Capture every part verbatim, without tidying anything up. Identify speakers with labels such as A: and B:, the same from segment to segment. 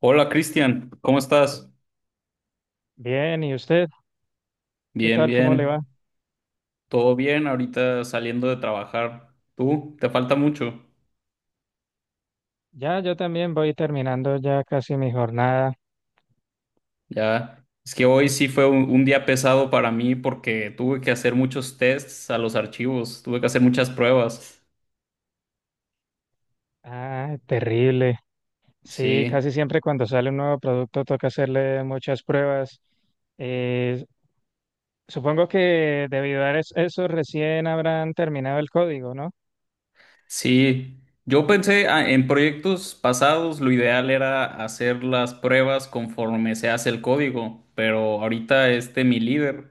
A: Hola Cristian, ¿cómo estás?
B: Bien, ¿y usted? ¿Qué
A: Bien,
B: tal? ¿Cómo le
A: bien,
B: va?
A: todo bien, ahorita saliendo de trabajar. ¿Tú? ¿Te falta mucho?
B: Ya, yo también voy terminando ya casi mi jornada.
A: Ya, es que hoy sí fue un, un día pesado para mí porque tuve que hacer muchos tests a los archivos, tuve que hacer muchas pruebas.
B: Ah, terrible. Sí, casi
A: Sí.
B: siempre cuando sale un nuevo producto toca hacerle muchas pruebas. Eh, Supongo que debido a es- eso recién habrán terminado el código, ¿no?
A: Sí, yo pensé ah, en proyectos pasados, lo ideal era hacer las pruebas conforme se hace el código, pero ahorita este mi líder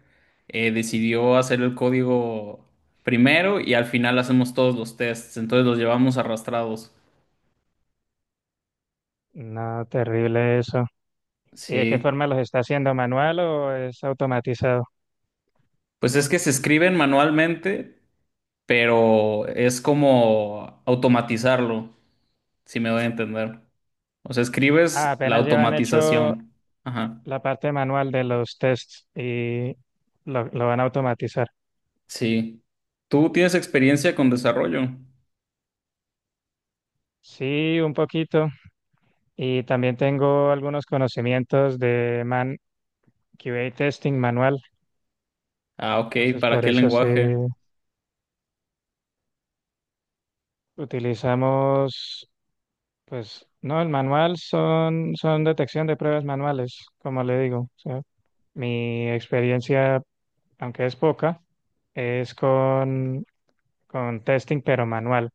A: eh, decidió hacer el código primero y al final hacemos todos los tests, entonces los llevamos arrastrados.
B: No, terrible eso. ¿Y de qué
A: Sí,
B: forma los está haciendo? ¿Manual o es automatizado?
A: pues es que se escriben manualmente, pero es como automatizarlo, si me doy a entender. O sea,
B: Ah,
A: escribes la
B: apenas llevan hecho
A: automatización. Ajá.
B: la parte manual de los tests y lo, lo van a automatizar.
A: Sí. ¿Tú tienes experiencia con desarrollo?
B: Sí, un poquito. Y también tengo algunos conocimientos de man Q A testing manual.
A: Ah, ok.
B: Entonces,
A: ¿Para
B: por
A: qué
B: eso se
A: lenguaje?
B: utilizamos, pues, no, el manual son, son detección de pruebas manuales, como le digo. O sea, mi experiencia, aunque es poca, es con, con testing, pero manual.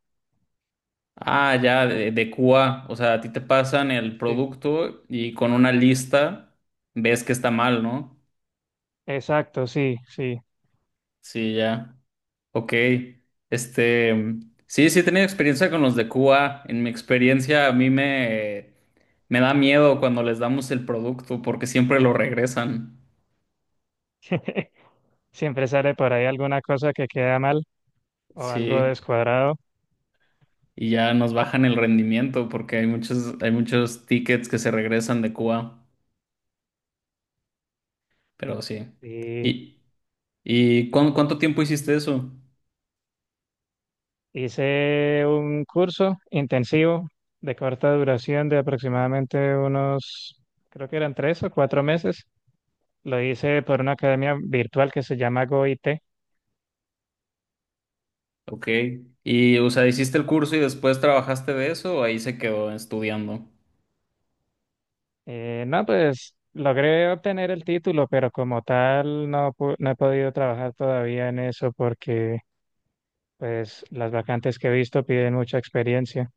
A: Ah, ya, de, de Q A. O sea, a ti te pasan el
B: Sí.
A: producto y con una lista ves que está mal, ¿no?
B: Exacto, sí, sí.
A: Sí, ya. Ok. Este, sí, sí he tenido experiencia con los de Q A. En mi experiencia, a mí me, me da miedo cuando les damos el producto porque siempre lo regresan.
B: Siempre sale por ahí alguna cosa que queda mal o algo
A: Sí,
B: descuadrado.
A: y ya nos bajan el rendimiento porque hay muchos, hay muchos tickets que se regresan de Cuba, pero sí.
B: Y
A: ¿Y, y cuán- cuánto tiempo hiciste eso?
B: Hice un curso intensivo de corta duración de aproximadamente unos, creo que eran tres o cuatro meses. Lo hice por una academia virtual que se llama GoIT.
A: Ok. Y, o sea, ¿hiciste el curso y después trabajaste de eso o ahí se quedó estudiando?
B: Eh, no, pues logré obtener el título, pero como tal no, pu- no he podido trabajar todavía en eso porque pues las vacantes que he visto piden mucha experiencia.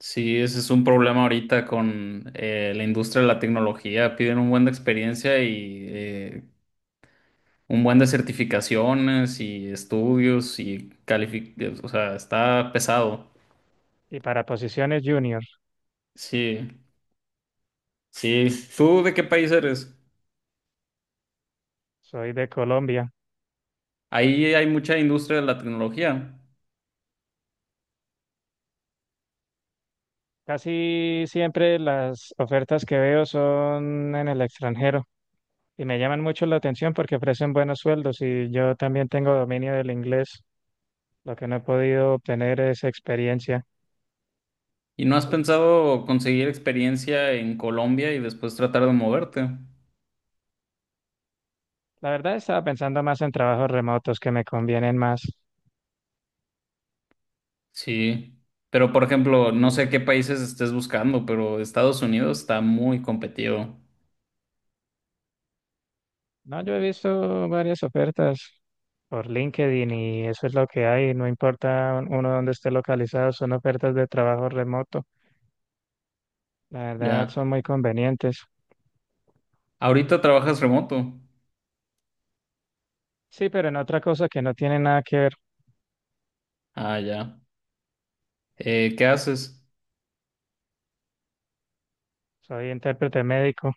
A: Sí, ese es un problema ahorita con eh, la industria de la tecnología. Piden un buen de experiencia y eh, un buen de certificaciones y estudios y calific... O sea, está pesado.
B: Y para posiciones junior,
A: Sí, sí. ¿Tú de qué país eres?
B: soy de Colombia.
A: Ahí hay mucha industria de la tecnología.
B: Casi siempre las ofertas que veo son en el extranjero y me llaman mucho la atención porque ofrecen buenos sueldos y yo también tengo dominio del inglés. Lo que no he podido obtener es experiencia.
A: ¿Y no has pensado conseguir experiencia en Colombia y después tratar de moverte?
B: La verdad estaba pensando más en trabajos remotos que me convienen más.
A: Sí. Pero, por ejemplo, no
B: Sí.
A: sé qué países estés buscando, pero Estados Unidos está muy competido.
B: No, yo he visto varias ofertas por LinkedIn y eso es lo que hay. No importa uno dónde esté localizado, son ofertas de trabajo remoto. La verdad
A: Ya.
B: son muy convenientes.
A: Ahorita trabajas remoto.
B: Sí, pero en otra cosa que no tiene nada que ver.
A: Ah, ya. Eh, ¿qué haces?
B: Soy intérprete médico,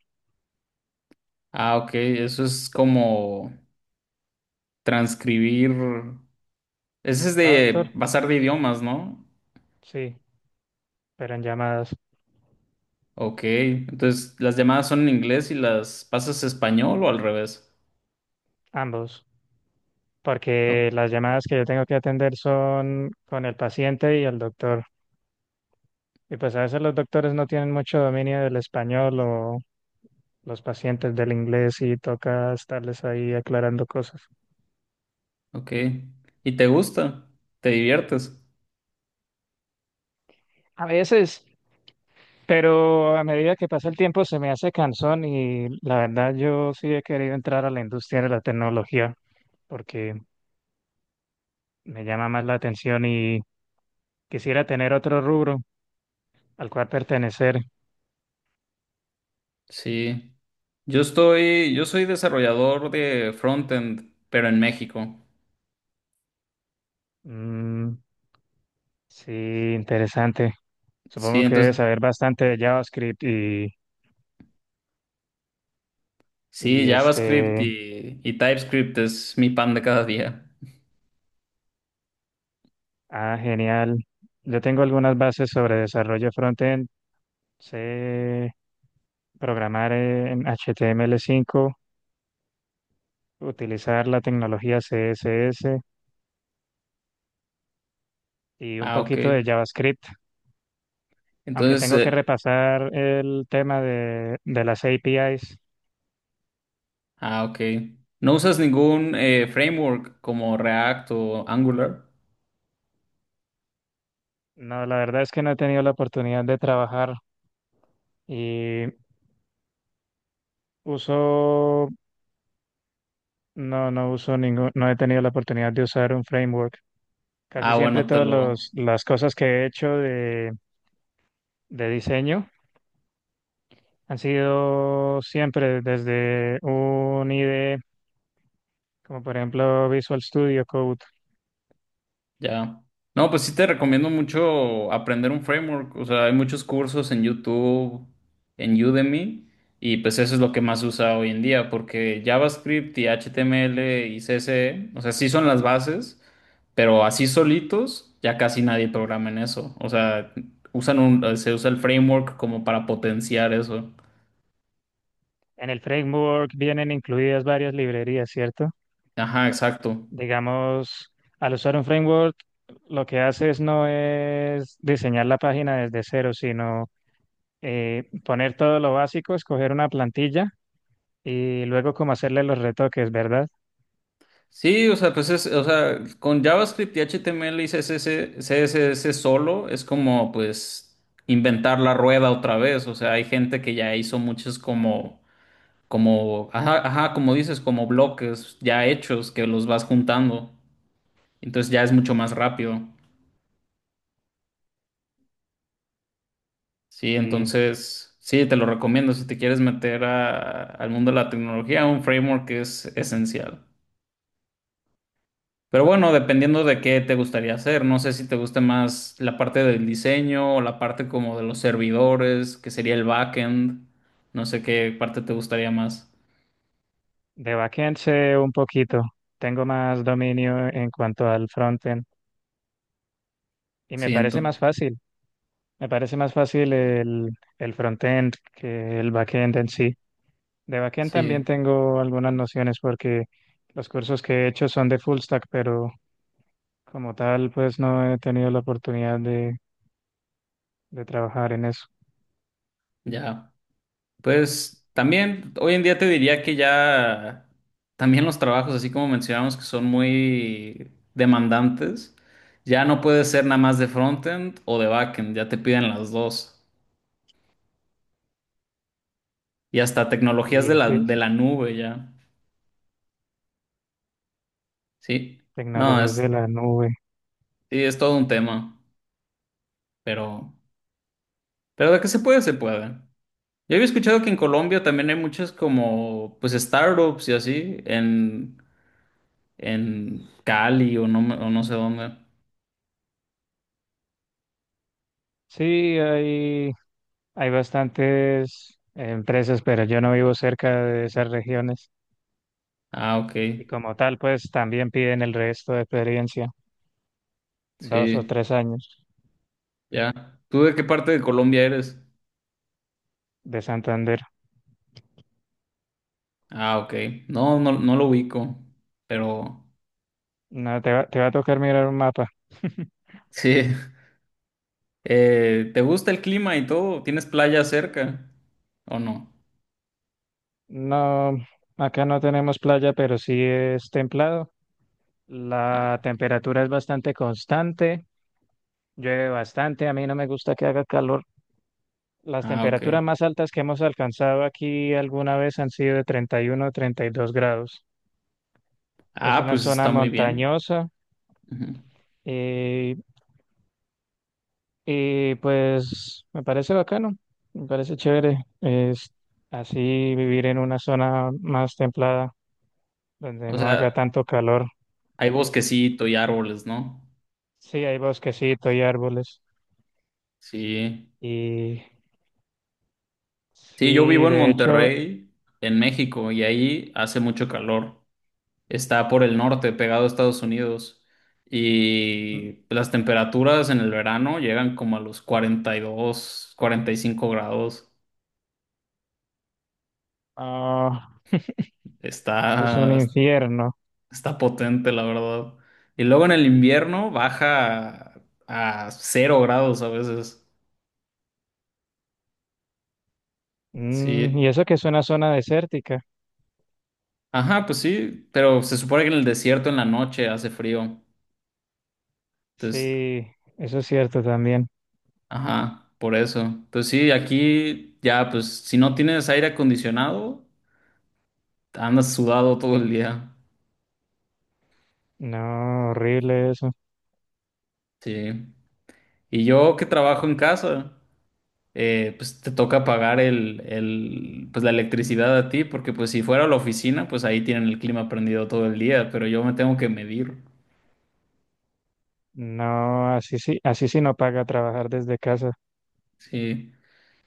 A: Ah, ok. Eso es como transcribir. Ese es de
B: traductor,
A: pasar de idiomas, ¿no?
B: sí, pero en llamadas,
A: Ok. Entonces, ¿las llamadas son en inglés y las pasas a español o al revés?
B: ambos.
A: Oh,
B: Porque las llamadas que yo tengo que atender son con el paciente y el doctor. Y pues a veces los doctores no tienen mucho dominio del español o los pacientes del inglés y toca estarles ahí aclarando cosas.
A: ok. ¿Y te gusta? ¿Te diviertes?
B: A veces, pero a medida que pasa el tiempo se me hace cansón y la verdad yo sí he querido entrar a la industria de la tecnología porque me llama más la atención y quisiera tener otro rubro al cual pertenecer.
A: Sí. Yo estoy, yo soy desarrollador de frontend, pero en México.
B: Mm, sí, interesante.
A: Sí,
B: Supongo que
A: entonces,
B: debes saber bastante de JavaScript y,
A: sí,
B: y
A: JavaScript
B: este,
A: y, y TypeScript es mi pan de cada día.
B: ah, genial. Yo tengo algunas bases sobre desarrollo frontend. Sé programar en H T M L cinco, utilizar la tecnología C S S y un
A: Ah, ok.
B: poquito de JavaScript, aunque
A: Entonces,
B: tengo que
A: eh,
B: repasar el tema de, de las A P Is.
A: ah, ok. ¿No usas ningún eh, framework como React o Angular?
B: No, la verdad es que no he tenido la oportunidad de trabajar y uso, no, no uso ningún, no he tenido la oportunidad de usar un framework. Casi
A: Ah,
B: siempre
A: bueno, te
B: todas
A: lo,
B: los- las cosas que he hecho de, de diseño han sido siempre desde un I D E, como por ejemplo Visual Studio Code.
A: ya. No, pues sí te recomiendo mucho aprender un framework. O sea, hay muchos cursos en YouTube, en Udemy, y pues eso es lo que más se usa hoy en día, porque JavaScript y H T M L y C S S, o sea, sí son las bases, pero así solitos ya casi nadie programa en eso. O sea, usan un, se usa el framework como para potenciar eso.
B: En el framework vienen incluidas varias librerías, ¿cierto?
A: Ajá, exacto.
B: Digamos, al usar un framework, lo que haces no es diseñar la página desde cero, sino eh, poner todo lo básico, escoger una plantilla y luego como hacerle los retoques, ¿verdad?
A: Sí, o sea, pues es, o sea, con JavaScript y H T M L y C S S, C S S solo es como pues inventar la rueda otra vez. O sea, hay gente que ya hizo muchos como, como, ajá, ajá, como dices, como bloques ya hechos que los vas juntando. Entonces ya es mucho más rápido. Sí,
B: Y
A: entonces, sí, te lo recomiendo si te quieres meter a- al mundo de la tecnología, un framework es esencial. Pero bueno, dependiendo de qué te gustaría hacer, no sé si te gusta más la parte del diseño o la parte como de los servidores, que sería el backend, no sé qué parte te gustaría más.
B: de backend sé un poquito, tengo más dominio en cuanto al frontend y me
A: Sí,
B: parece
A: ento-
B: más fácil, me parece más fácil el, el frontend que el backend en sí. De backend también
A: sí,
B: tengo algunas nociones porque los cursos que he hecho son de full stack, pero como tal pues no he tenido la oportunidad de, de trabajar en eso.
A: ya. Pues también hoy en día te diría que ya también los trabajos, así como mencionamos, que son muy demandantes, ya no puede ser nada más de frontend o de backend, ya te piden las dos. Y hasta tecnologías
B: Y
A: de la,
B: así
A: de
B: es,
A: la nube, ya. Sí. No,
B: tecnologías
A: es,
B: de la nube.
A: sí, es todo un tema, pero, pero de que se puede, se puede. Yo había escuchado que en Colombia también hay muchas como, pues, startups y así, en, en Cali o no, me- o no sé dónde.
B: Sí, hay, hay bastantes empresas, pero yo no vivo cerca de esas regiones
A: Ah, ok,
B: y como tal, pues también piden el resto de experiencia, dos o
A: sí,
B: tres años
A: ya. ¿Tú de qué parte de Colombia eres?
B: de Santander.
A: Ah, ok, no, no, no lo ubico, pero
B: No, te va, te va a tocar mirar un mapa.
A: sí. Eh, ¿te gusta el clima y todo? ¿Tienes playa cerca o no?
B: No, acá no tenemos playa, pero sí es templado.
A: Ah,
B: La temperatura es bastante constante, llueve bastante, a mí no me gusta que haga calor. Las
A: ah, ok.
B: temperaturas más altas que hemos alcanzado aquí alguna vez han sido de treinta y uno o treinta y dos grados. Es
A: Ah,
B: una
A: pues
B: zona
A: está muy bien.
B: montañosa
A: Ujú.
B: eh, y pues me parece bacano, me parece chévere. Es así vivir en una zona más templada, donde
A: O
B: no haga
A: sea,
B: tanto calor.
A: hay bosquecito y árboles, ¿no?
B: Sí, hay bosquecito y árboles.
A: Sí.
B: Y
A: Sí, yo
B: sí,
A: vivo en
B: de hecho,
A: Monterrey, en México, y ahí hace mucho calor. Está por el norte, pegado a Estados Unidos.
B: mm,
A: Y las temperaturas en el verano llegan como a los cuarenta cuarenta y dos, cuarenta y cinco grados.
B: ah, es un
A: Está,
B: infierno.
A: está potente, la verdad. Y luego en el invierno baja a, a cero grados a veces.
B: Mm, y
A: Sí.
B: eso que es una zona desértica.
A: Ajá, pues sí, pero se supone que en el desierto en la noche hace frío. Entonces,
B: Sí, eso es cierto también.
A: ajá, por eso. Pues sí, aquí ya, pues si no tienes aire acondicionado, andas sudado todo el día.
B: No, horrible eso.
A: Sí. Y yo que trabajo en casa, eh, pues te toca pagar el, el, pues la electricidad a ti, porque pues si fuera a la oficina, pues ahí tienen el clima prendido todo el día, pero yo me tengo que medir.
B: No, así sí, así sí no paga trabajar desde casa.
A: Sí.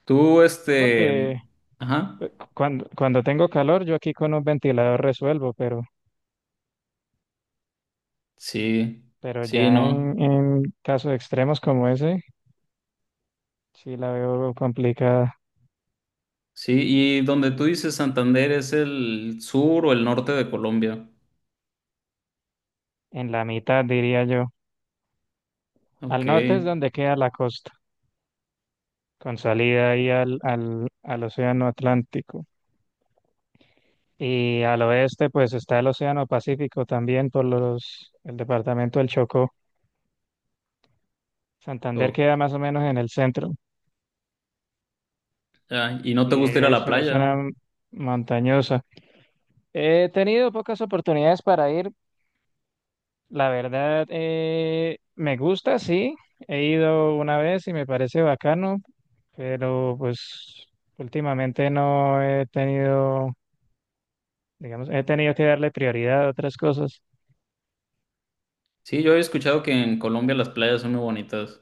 A: Tú,
B: Yo porque
A: este, ajá,
B: cuando, cuando tengo calor, yo aquí con un ventilador resuelvo, pero,
A: sí,
B: pero
A: sí,
B: ya
A: no.
B: en, en casos extremos como ese, sí la veo complicada.
A: Sí, y donde tú dices Santander es el sur o el norte de Colombia.
B: En la mitad, diría yo. Al
A: Ok.
B: norte es donde queda la costa, con salida ahí al, al, al océano Atlántico. Y al oeste, pues está el océano Pacífico también por los, el departamento del Chocó. Santander
A: O-
B: queda más o menos en el centro
A: ah, ¿y no te
B: y
A: gusta ir a la
B: es una
A: playa?
B: zona montañosa. He tenido pocas oportunidades para ir. La verdad, eh, me gusta, sí. He ido una vez y me parece bacano, pero pues últimamente no he tenido, digamos, he tenido que darle prioridad a otras cosas.
A: Sí, yo he escuchado que en Colombia las playas son muy bonitas.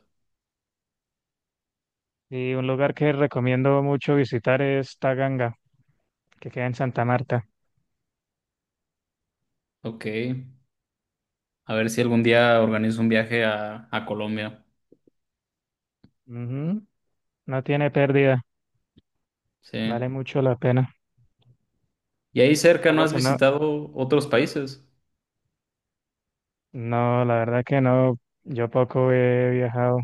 B: Y un lugar que recomiendo mucho visitar es Taganga, que queda en Santa Marta.
A: Ok. A ver si algún día organizo un viaje a, a Colombia.
B: Ujú. No tiene pérdida, vale
A: Sí.
B: mucho la pena.
A: ¿Y ahí cerca no
B: Solo
A: has
B: que no,
A: visitado otros países?
B: no, la verdad que no, yo poco he viajado.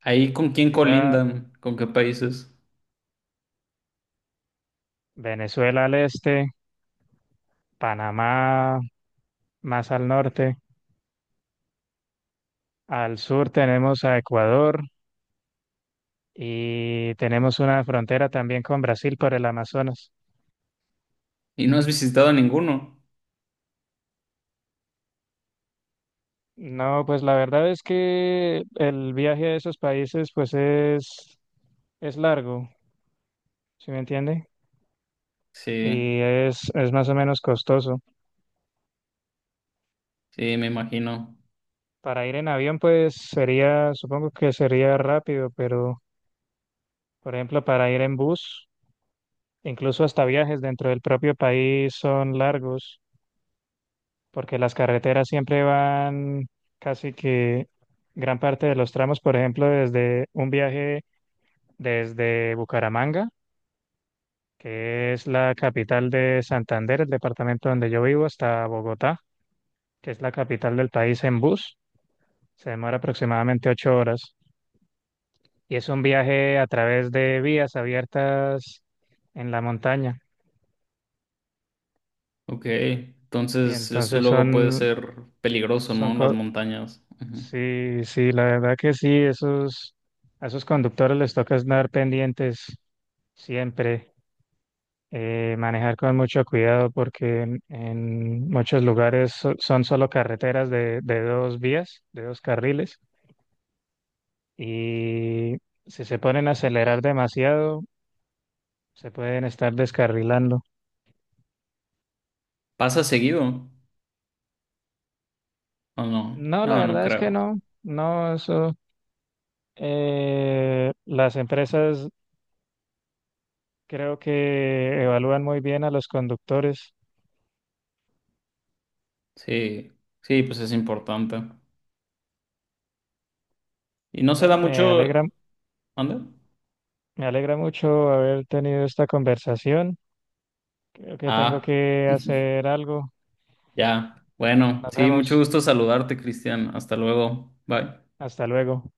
A: ¿Ahí con quién
B: Quizá
A: colindan? ¿Con qué países?
B: Venezuela al este, Panamá más al norte. Al sur tenemos a Ecuador y tenemos una frontera también con Brasil por el Amazonas.
A: ¿Y no has visitado ninguno?
B: No, pues la verdad es que el viaje a esos países pues es, es largo, ¿sí me entiende?
A: Sí,
B: Y es, es más o menos costoso.
A: sí, me imagino.
B: Para ir en avión pues sería, supongo que sería rápido, pero por ejemplo para ir en bus, incluso hasta viajes dentro del propio país son largos. Porque las carreteras siempre van casi que gran parte de los tramos, por ejemplo, desde un viaje desde Bucaramanga, que es la capital de Santander, el departamento donde yo vivo, hasta Bogotá, que es la capital del país en bus, se demora aproximadamente ocho horas y es un viaje a través de vías abiertas en la montaña
A: Ok.
B: y
A: Entonces, eso
B: entonces
A: luego puede
B: son,
A: ser peligroso,
B: son,
A: ¿no? Las
B: co-
A: montañas. Ujú.
B: sí, sí, la verdad que sí, esos, a esos conductores les toca estar pendientes siempre, eh, manejar con mucho cuidado porque en, en muchos lugares so- son solo carreteras de, de dos vías, de dos carriles, y si se ponen a acelerar demasiado, se pueden estar descarrilando.
A: ¿Pasa seguido? ¿O no?
B: No, la
A: No, no
B: verdad es que
A: creo.
B: no, no, eso, eh, las empresas creo que evalúan muy bien a los conductores.
A: Sí, sí, pues es importante. Y no se da
B: Bueno, me alegra,
A: mucho. ¿Anda?
B: me alegra mucho haber tenido esta conversación. Creo que tengo
A: Ah,
B: que hacer algo.
A: ya. Bueno,
B: Nos
A: sí, mucho
B: vemos.
A: gusto saludarte, Cristian. Hasta luego. Bye.
B: Hasta luego.